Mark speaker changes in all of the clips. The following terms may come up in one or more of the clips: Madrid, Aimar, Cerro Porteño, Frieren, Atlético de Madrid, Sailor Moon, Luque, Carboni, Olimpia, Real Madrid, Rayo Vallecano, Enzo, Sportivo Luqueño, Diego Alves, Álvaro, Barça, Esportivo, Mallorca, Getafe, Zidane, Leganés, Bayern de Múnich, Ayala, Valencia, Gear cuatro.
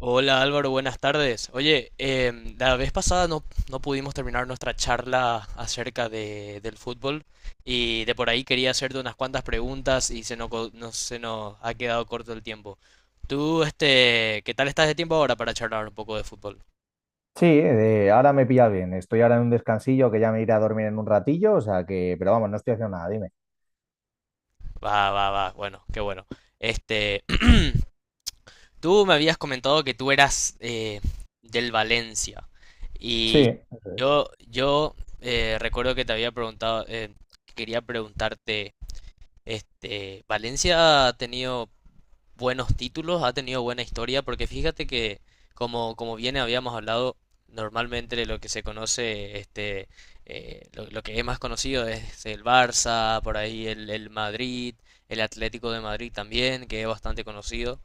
Speaker 1: Hola Álvaro, buenas tardes. Oye, la vez pasada no pudimos terminar nuestra charla acerca del fútbol y de por ahí quería hacerte unas cuantas preguntas y se nos, co- no- se nos ha quedado corto el tiempo. Tú, ¿qué tal estás de tiempo ahora para charlar un poco de fútbol?
Speaker 2: Sí, ahora me pillas bien. Estoy ahora en un descansillo que ya me iré a dormir en un ratillo, o sea que, pero vamos, no estoy haciendo nada, dime.
Speaker 1: Va, va, va, bueno, qué bueno. Este, tú me habías comentado que tú eras del Valencia
Speaker 2: Sí.
Speaker 1: y
Speaker 2: Eso es.
Speaker 1: yo recuerdo que te había preguntado, quería preguntarte... Valencia ha tenido buenos títulos, ha tenido buena historia, porque fíjate que, como bien habíamos hablado, normalmente de lo que se conoce, lo que es más conocido es el Barça, por ahí el Madrid, el Atlético de Madrid también, que es bastante conocido.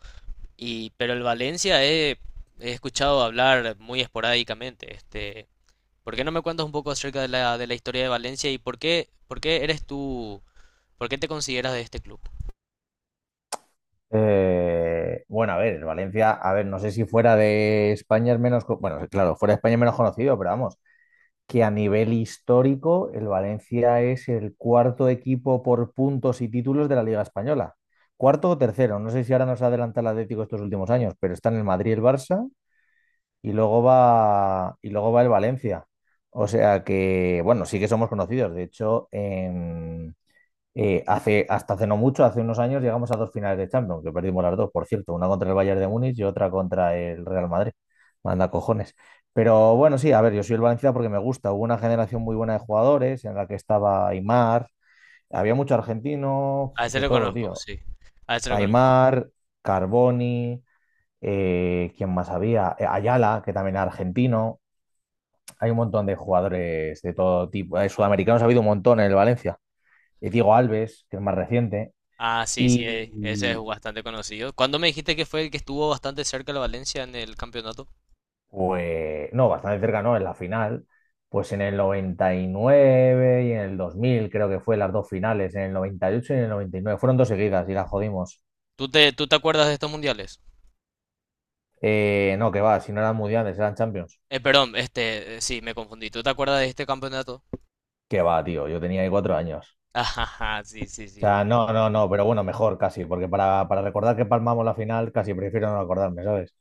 Speaker 1: Pero el he escuchado hablar muy esporádicamente. ¿Por qué no me cuentas un poco acerca de de la historia de Valencia y por qué eres tú, por qué te consideras de este club?
Speaker 2: Bueno, a ver, el Valencia, a ver, no sé si fuera de España es menos, bueno, claro, fuera de España es menos conocido, pero vamos, que a nivel histórico el Valencia es el cuarto equipo por puntos y títulos de la Liga Española. Cuarto o tercero, no sé si ahora nos adelanta el Atlético estos últimos años, pero están el Madrid y el Barça y luego va el Valencia. O sea que, bueno, sí que somos conocidos. De hecho, hace, hasta hace no mucho, hace unos años, llegamos a dos finales de Champions, que perdimos las dos, por cierto, una contra el Bayern de Múnich y otra contra el Real Madrid. Manda cojones. Pero bueno, sí, a ver, yo soy el Valencia porque me gusta. Hubo una generación muy buena de jugadores en la que estaba Aimar, había mucho argentino,
Speaker 1: A ese
Speaker 2: de
Speaker 1: lo
Speaker 2: todo,
Speaker 1: conozco,
Speaker 2: tío.
Speaker 1: sí. A ese lo conozco.
Speaker 2: Aimar, Carboni, ¿quién más había? Ayala, que también era argentino. Hay un montón de jugadores de todo tipo. Sudamericanos ha habido un montón en el Valencia. Diego Alves, que es más reciente.
Speaker 1: Ah, sí, sí,
Speaker 2: Y,
Speaker 1: ese es
Speaker 2: y,
Speaker 1: bastante conocido. ¿Cuándo me dijiste que fue el que estuvo bastante cerca de la Valencia en el campeonato?
Speaker 2: pues, no, bastante cerca, no, en la final. Pues en el 99 y nueve y en el 2000, creo que fue las dos finales, en el 98 y ocho y en el 99. Fueron dos seguidas y las jodimos.
Speaker 1: ¿Tú te acuerdas de estos mundiales?
Speaker 2: No, que va, si no eran mundiales, eran champions.
Speaker 1: Perdón, sí, me confundí. ¿Tú te acuerdas de este campeonato?
Speaker 2: Que va, tío, yo tenía ahí 4 años.
Speaker 1: Ajá, sí, sí,
Speaker 2: O
Speaker 1: sí.
Speaker 2: sea,
Speaker 1: Bueno.
Speaker 2: no, no, no, pero bueno, mejor casi, porque para recordar que palmamos la final, casi prefiero no acordarme, ¿sabes?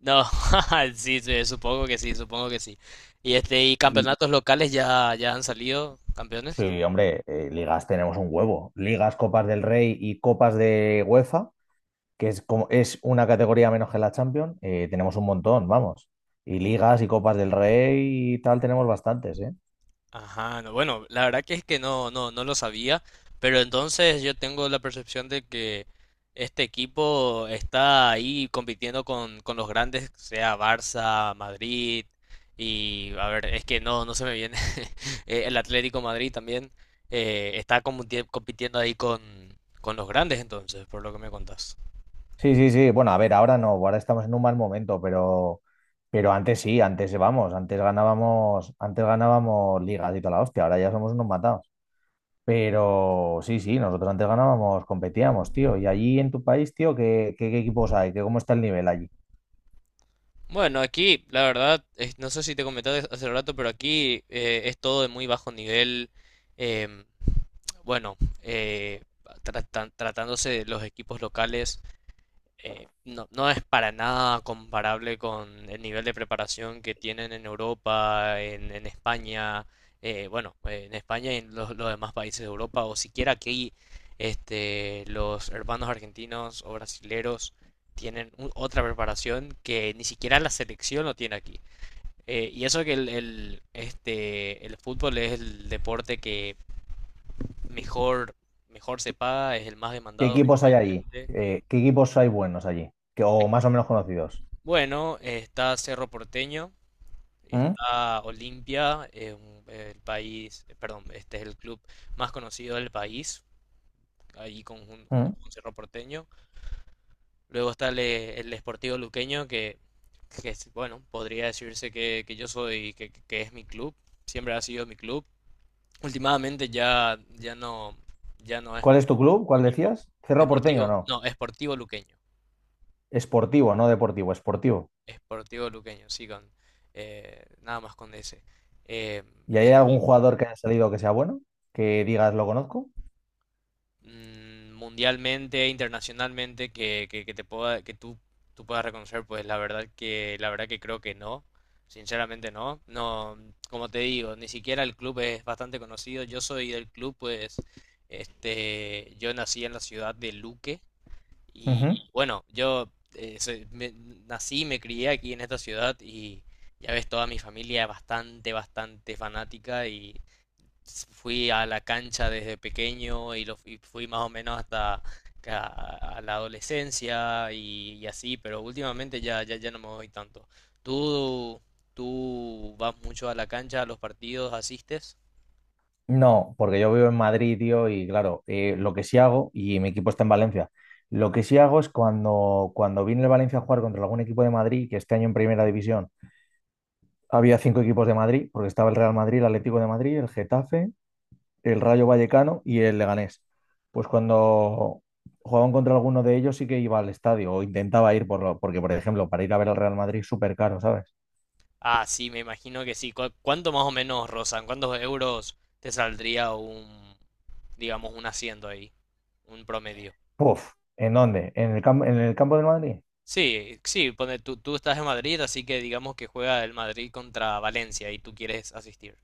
Speaker 1: No, sí, sí, supongo que sí, supongo que sí. ¿Y y
Speaker 2: Y,
Speaker 1: campeonatos locales ya han salido campeones?
Speaker 2: Sí, hombre, ligas tenemos un huevo. Ligas, Copas del Rey y Copas de UEFA, que es como es una categoría menos que la Champions, tenemos un montón, vamos. Y ligas y Copas del Rey y tal tenemos bastantes, ¿eh?
Speaker 1: Ajá, no, bueno, la verdad que es que no, no lo sabía, pero entonces yo tengo la percepción de que este equipo está ahí compitiendo con los grandes, sea Barça, Madrid, y a ver, es que no, no se me viene, el Atlético Madrid también está compitiendo ahí con los grandes entonces, por lo que me contás.
Speaker 2: Sí, sí, sí. Bueno, a ver, ahora no, ahora estamos en un mal momento, pero antes sí, antes vamos, antes ganábamos ligas y toda la hostia, ahora ya somos unos matados. Pero sí, sí, nosotros antes ganábamos, competíamos, tío. Y allí en tu país, tío, qué equipos hay? ¿Qué, cómo está el nivel allí?
Speaker 1: Bueno, aquí la verdad, no sé si te comenté hace rato, pero aquí es todo de muy bajo nivel. Bueno, eh, tratándose de los equipos locales, no es para nada comparable con el nivel de preparación que tienen en Europa, en España, bueno, en España y en los demás países de Europa, o siquiera aquí, los hermanos argentinos o brasileros tienen otra preparación que ni siquiera la selección lo tiene aquí. Y eso que el fútbol es el deporte que mejor, mejor se paga, es el más
Speaker 2: ¿Qué
Speaker 1: demandado,
Speaker 2: equipos hay allí?
Speaker 1: obviamente.
Speaker 2: ¿Qué equipos hay buenos allí? Que, o más o menos conocidos.
Speaker 1: Bueno, está Cerro Porteño,
Speaker 2: ¿Mm?
Speaker 1: está Olimpia, el país, perdón, este es el club más conocido del país, ahí junto
Speaker 2: ¿Mm?
Speaker 1: con Cerro Porteño. Luego está el Sportivo Luqueño, que es, bueno, podría decirse que, que es mi club, siempre ha sido mi club. Últimamente ya no es
Speaker 2: ¿Cuál es
Speaker 1: el
Speaker 2: tu club? ¿Cuál
Speaker 1: mismo.
Speaker 2: decías? Cerro Porteño,
Speaker 1: Sportivo,
Speaker 2: no.
Speaker 1: no, Sportivo Luqueño.
Speaker 2: Esportivo, no deportivo, esportivo.
Speaker 1: Sportivo Luqueño, sí, con nada más con ese. Eh,
Speaker 2: ¿Y
Speaker 1: eh,
Speaker 2: hay algún jugador que haya salido que sea bueno? Que digas, lo conozco.
Speaker 1: mundialmente, internacionalmente, que te pueda, tú puedas reconocer, pues la verdad que creo que no. Sinceramente no. No, como te digo, ni siquiera el club es bastante conocido. Yo soy del club, pues, yo nací en la ciudad de Luque, y
Speaker 2: Ujú.
Speaker 1: bueno, yo eh, soy- me- nací y me crié aquí en esta ciudad y ya ves, toda mi familia es bastante, bastante fanática y fui a la cancha desde pequeño y fui más o menos hasta a la adolescencia y así, pero últimamente ya no me voy tanto. ¿Tú, tú vas mucho a la cancha, a los partidos, asistes?
Speaker 2: No, porque yo vivo en Madrid, tío, y claro, lo que sí hago, y mi equipo está en Valencia, lo que sí hago es cuando vine el Valencia a jugar contra algún equipo de Madrid, que este año en Primera División había cinco equipos de Madrid, porque estaba el Real Madrid, el Atlético de Madrid, el Getafe, el Rayo Vallecano y el Leganés. Pues cuando jugaban contra alguno de ellos sí que iba al estadio o intentaba ir por lo, porque, por ejemplo, para ir a ver al Real Madrid súper caro, ¿sabes?
Speaker 1: Ah, sí, me imagino que sí. ¿Cuánto más o menos rozan? ¿Cuántos euros te saldría un, digamos, un asiento ahí, un promedio?
Speaker 2: Puf, ¿en dónde? ¿En el campo del Madrid?
Speaker 1: Sí, sí, pone, tú estás en Madrid, así que digamos que juega el Madrid contra Valencia y tú quieres asistir.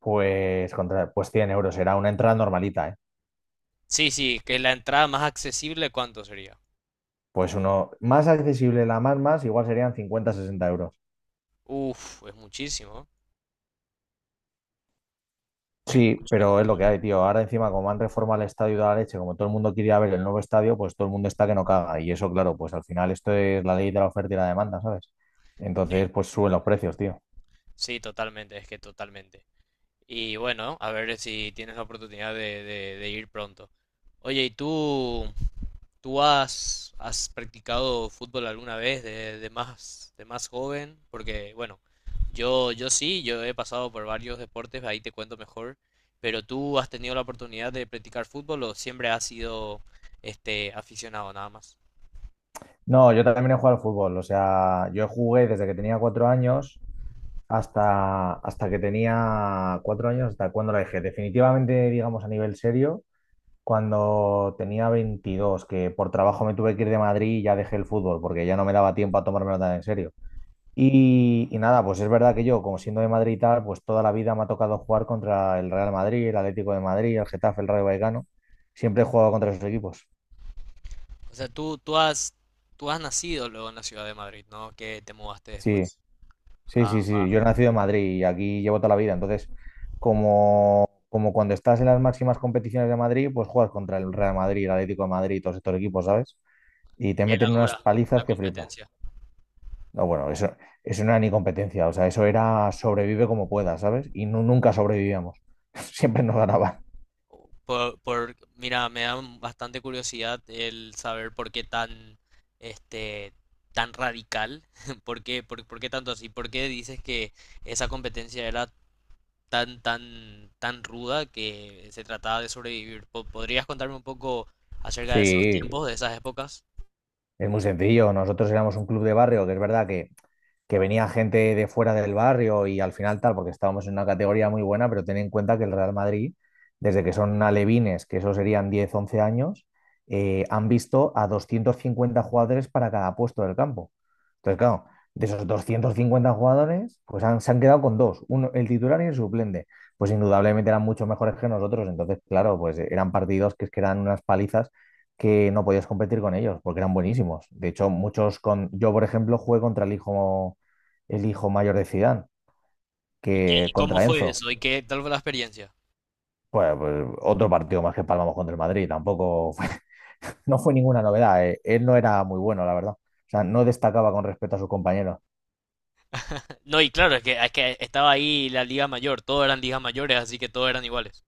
Speaker 2: Pues, contra, pues 100 euros, era una entrada normalita, ¿eh?
Speaker 1: Sí, sí, que la entrada más accesible, ¿cuánto sería?
Speaker 2: Pues uno más accesible, la más más, igual serían 50 60 euros.
Speaker 1: Uf, es muchísimo. Es
Speaker 2: Sí,
Speaker 1: mucho.
Speaker 2: pero es lo que hay, tío. Ahora encima, como han reformado el estadio de la leche, como todo el mundo quiere ver el nuevo estadio, pues todo el mundo está que no caga. Y eso, claro, pues al final esto es la ley de la oferta y la demanda, ¿sabes?
Speaker 1: Sí,
Speaker 2: Entonces, pues suben los
Speaker 1: totalmente.
Speaker 2: precios, tío.
Speaker 1: Sí, totalmente, es que totalmente. Y bueno, a ver si tienes la oportunidad de ir pronto. Oye, ¿y tú has, has practicado fútbol alguna vez de más joven? Porque, bueno, yo sí, yo he pasado por varios deportes, ahí te cuento mejor, pero tú has tenido la oportunidad de practicar fútbol o siempre has sido aficionado nada más.
Speaker 2: No, yo también he jugado al fútbol. O sea, yo jugué desde que tenía 4 años hasta que tenía 4 años, hasta cuando la dejé. Definitivamente, digamos, a nivel serio, cuando tenía 22, que por trabajo me tuve que ir de Madrid y ya dejé el fútbol, porque ya no me daba tiempo a tomármelo tan en serio. Y nada, pues es verdad que yo, como siendo de Madrid y tal, pues toda la vida me ha tocado jugar contra el Real Madrid, el Atlético de Madrid, el Getafe, el Rayo Vallecano. Siempre he jugado contra esos equipos.
Speaker 1: O sea, tú has nacido luego en la ciudad de Madrid, ¿no? Que te mudaste
Speaker 2: Sí,
Speaker 1: después.
Speaker 2: sí,
Speaker 1: Ah,
Speaker 2: sí, sí. Yo he nacido en Madrid y aquí llevo toda la vida. Entonces, como cuando estás en las máximas competiciones de Madrid, pues juegas contra el Real Madrid, el Atlético de Madrid y todos estos equipos, ¿sabes? Y te
Speaker 1: que la
Speaker 2: meten unas
Speaker 1: dura, la
Speaker 2: palizas que flipas.
Speaker 1: competencia.
Speaker 2: No, bueno, eso no era ni competencia. O sea, eso era sobrevive como puedas, ¿sabes? Y nunca sobrevivíamos. Siempre nos ganaban.
Speaker 1: Mira, me da bastante curiosidad el saber por qué tan, este, tan radical, por qué tanto así, por qué dices que esa competencia era tan ruda que se trataba de sobrevivir. ¿Podrías contarme un poco acerca de esos
Speaker 2: Sí,
Speaker 1: tiempos, de esas épocas?
Speaker 2: es muy sencillo. Nosotros éramos un club de barrio, que es verdad que venía gente de fuera del barrio y al final tal, porque estábamos en una categoría muy buena, pero ten en cuenta que el Real Madrid, desde que son alevines, que eso serían 10 11 años, han visto a 250 jugadores para cada puesto del campo. Entonces, claro, de esos 250 jugadores, pues han, se han quedado con dos, uno, el titular y el suplente. Pues indudablemente eran mucho mejores que nosotros, entonces, claro, pues eran partidos que, es que eran unas palizas que no podías competir con ellos, porque eran buenísimos. De hecho, muchos con... Yo, por ejemplo, jugué contra el hijo mayor de Zidane,
Speaker 1: ¿Y,
Speaker 2: que
Speaker 1: y cómo
Speaker 2: contra
Speaker 1: fue
Speaker 2: Enzo,
Speaker 1: eso? ¿Y qué tal fue la experiencia?
Speaker 2: pues, otro partido más que palmamos contra el Madrid, tampoco no fue ninguna novedad. Él no era muy bueno, la verdad. O sea, no destacaba con respecto a sus compañeros.
Speaker 1: No, y claro, es que estaba ahí la Liga Mayor, todos eran ligas mayores, así que todos eran iguales.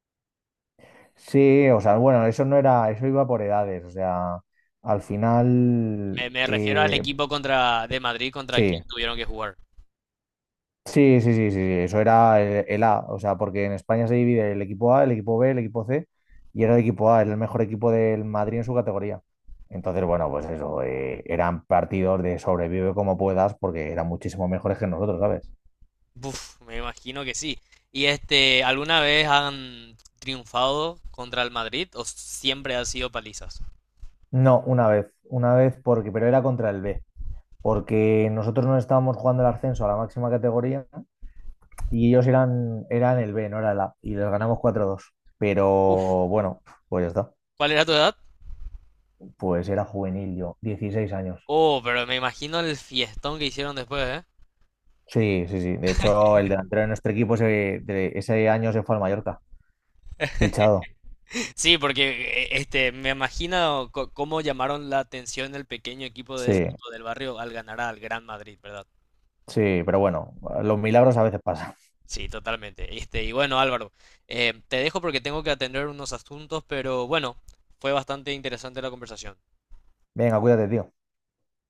Speaker 2: Sí, o sea, bueno, eso no era, eso iba por edades, o sea, al final,
Speaker 1: Me refiero al equipo contra, de Madrid contra
Speaker 2: sí,
Speaker 1: quien tuvieron que jugar.
Speaker 2: sí, sí, sí, sí, sí, eso era el, A, o sea, porque en España se divide el equipo A, el equipo B, el equipo C, y era el equipo A, era el mejor equipo del Madrid en su categoría. Entonces, bueno, pues eso, eran partidos de sobrevive como puedas, porque eran muchísimo mejores que nosotros, ¿sabes?
Speaker 1: Buf, me imagino que sí. ¿Y alguna vez han triunfado contra el Madrid o siempre han sido palizas?
Speaker 2: No, una vez, porque, pero era contra el B, porque nosotros no estábamos jugando el ascenso a la máxima categoría y ellos eran el B, no era el A, y les ganamos 4-2. Pero
Speaker 1: Uf,
Speaker 2: bueno, pues ya está,
Speaker 1: ¿cuál era tu edad?
Speaker 2: pues era juvenil yo, 16 años.
Speaker 1: Oh, pero me imagino el fiestón que hicieron después, ¿eh?
Speaker 2: Sí, sí, sí. De hecho, el delantero de nuestro equipo ese, de ese año se fue al Mallorca, fichado.
Speaker 1: Sí, porque me imagino cómo llamaron la atención del pequeño equipo
Speaker 2: Sí,
Speaker 1: del, del barrio al ganar al Gran Madrid, ¿verdad?
Speaker 2: sí, pero bueno, los milagros a veces pasan.
Speaker 1: Sí, totalmente. Este, y bueno, Álvaro, te dejo porque tengo que atender unos asuntos, pero bueno, fue bastante interesante la conversación.
Speaker 2: Venga, cuídate, tío.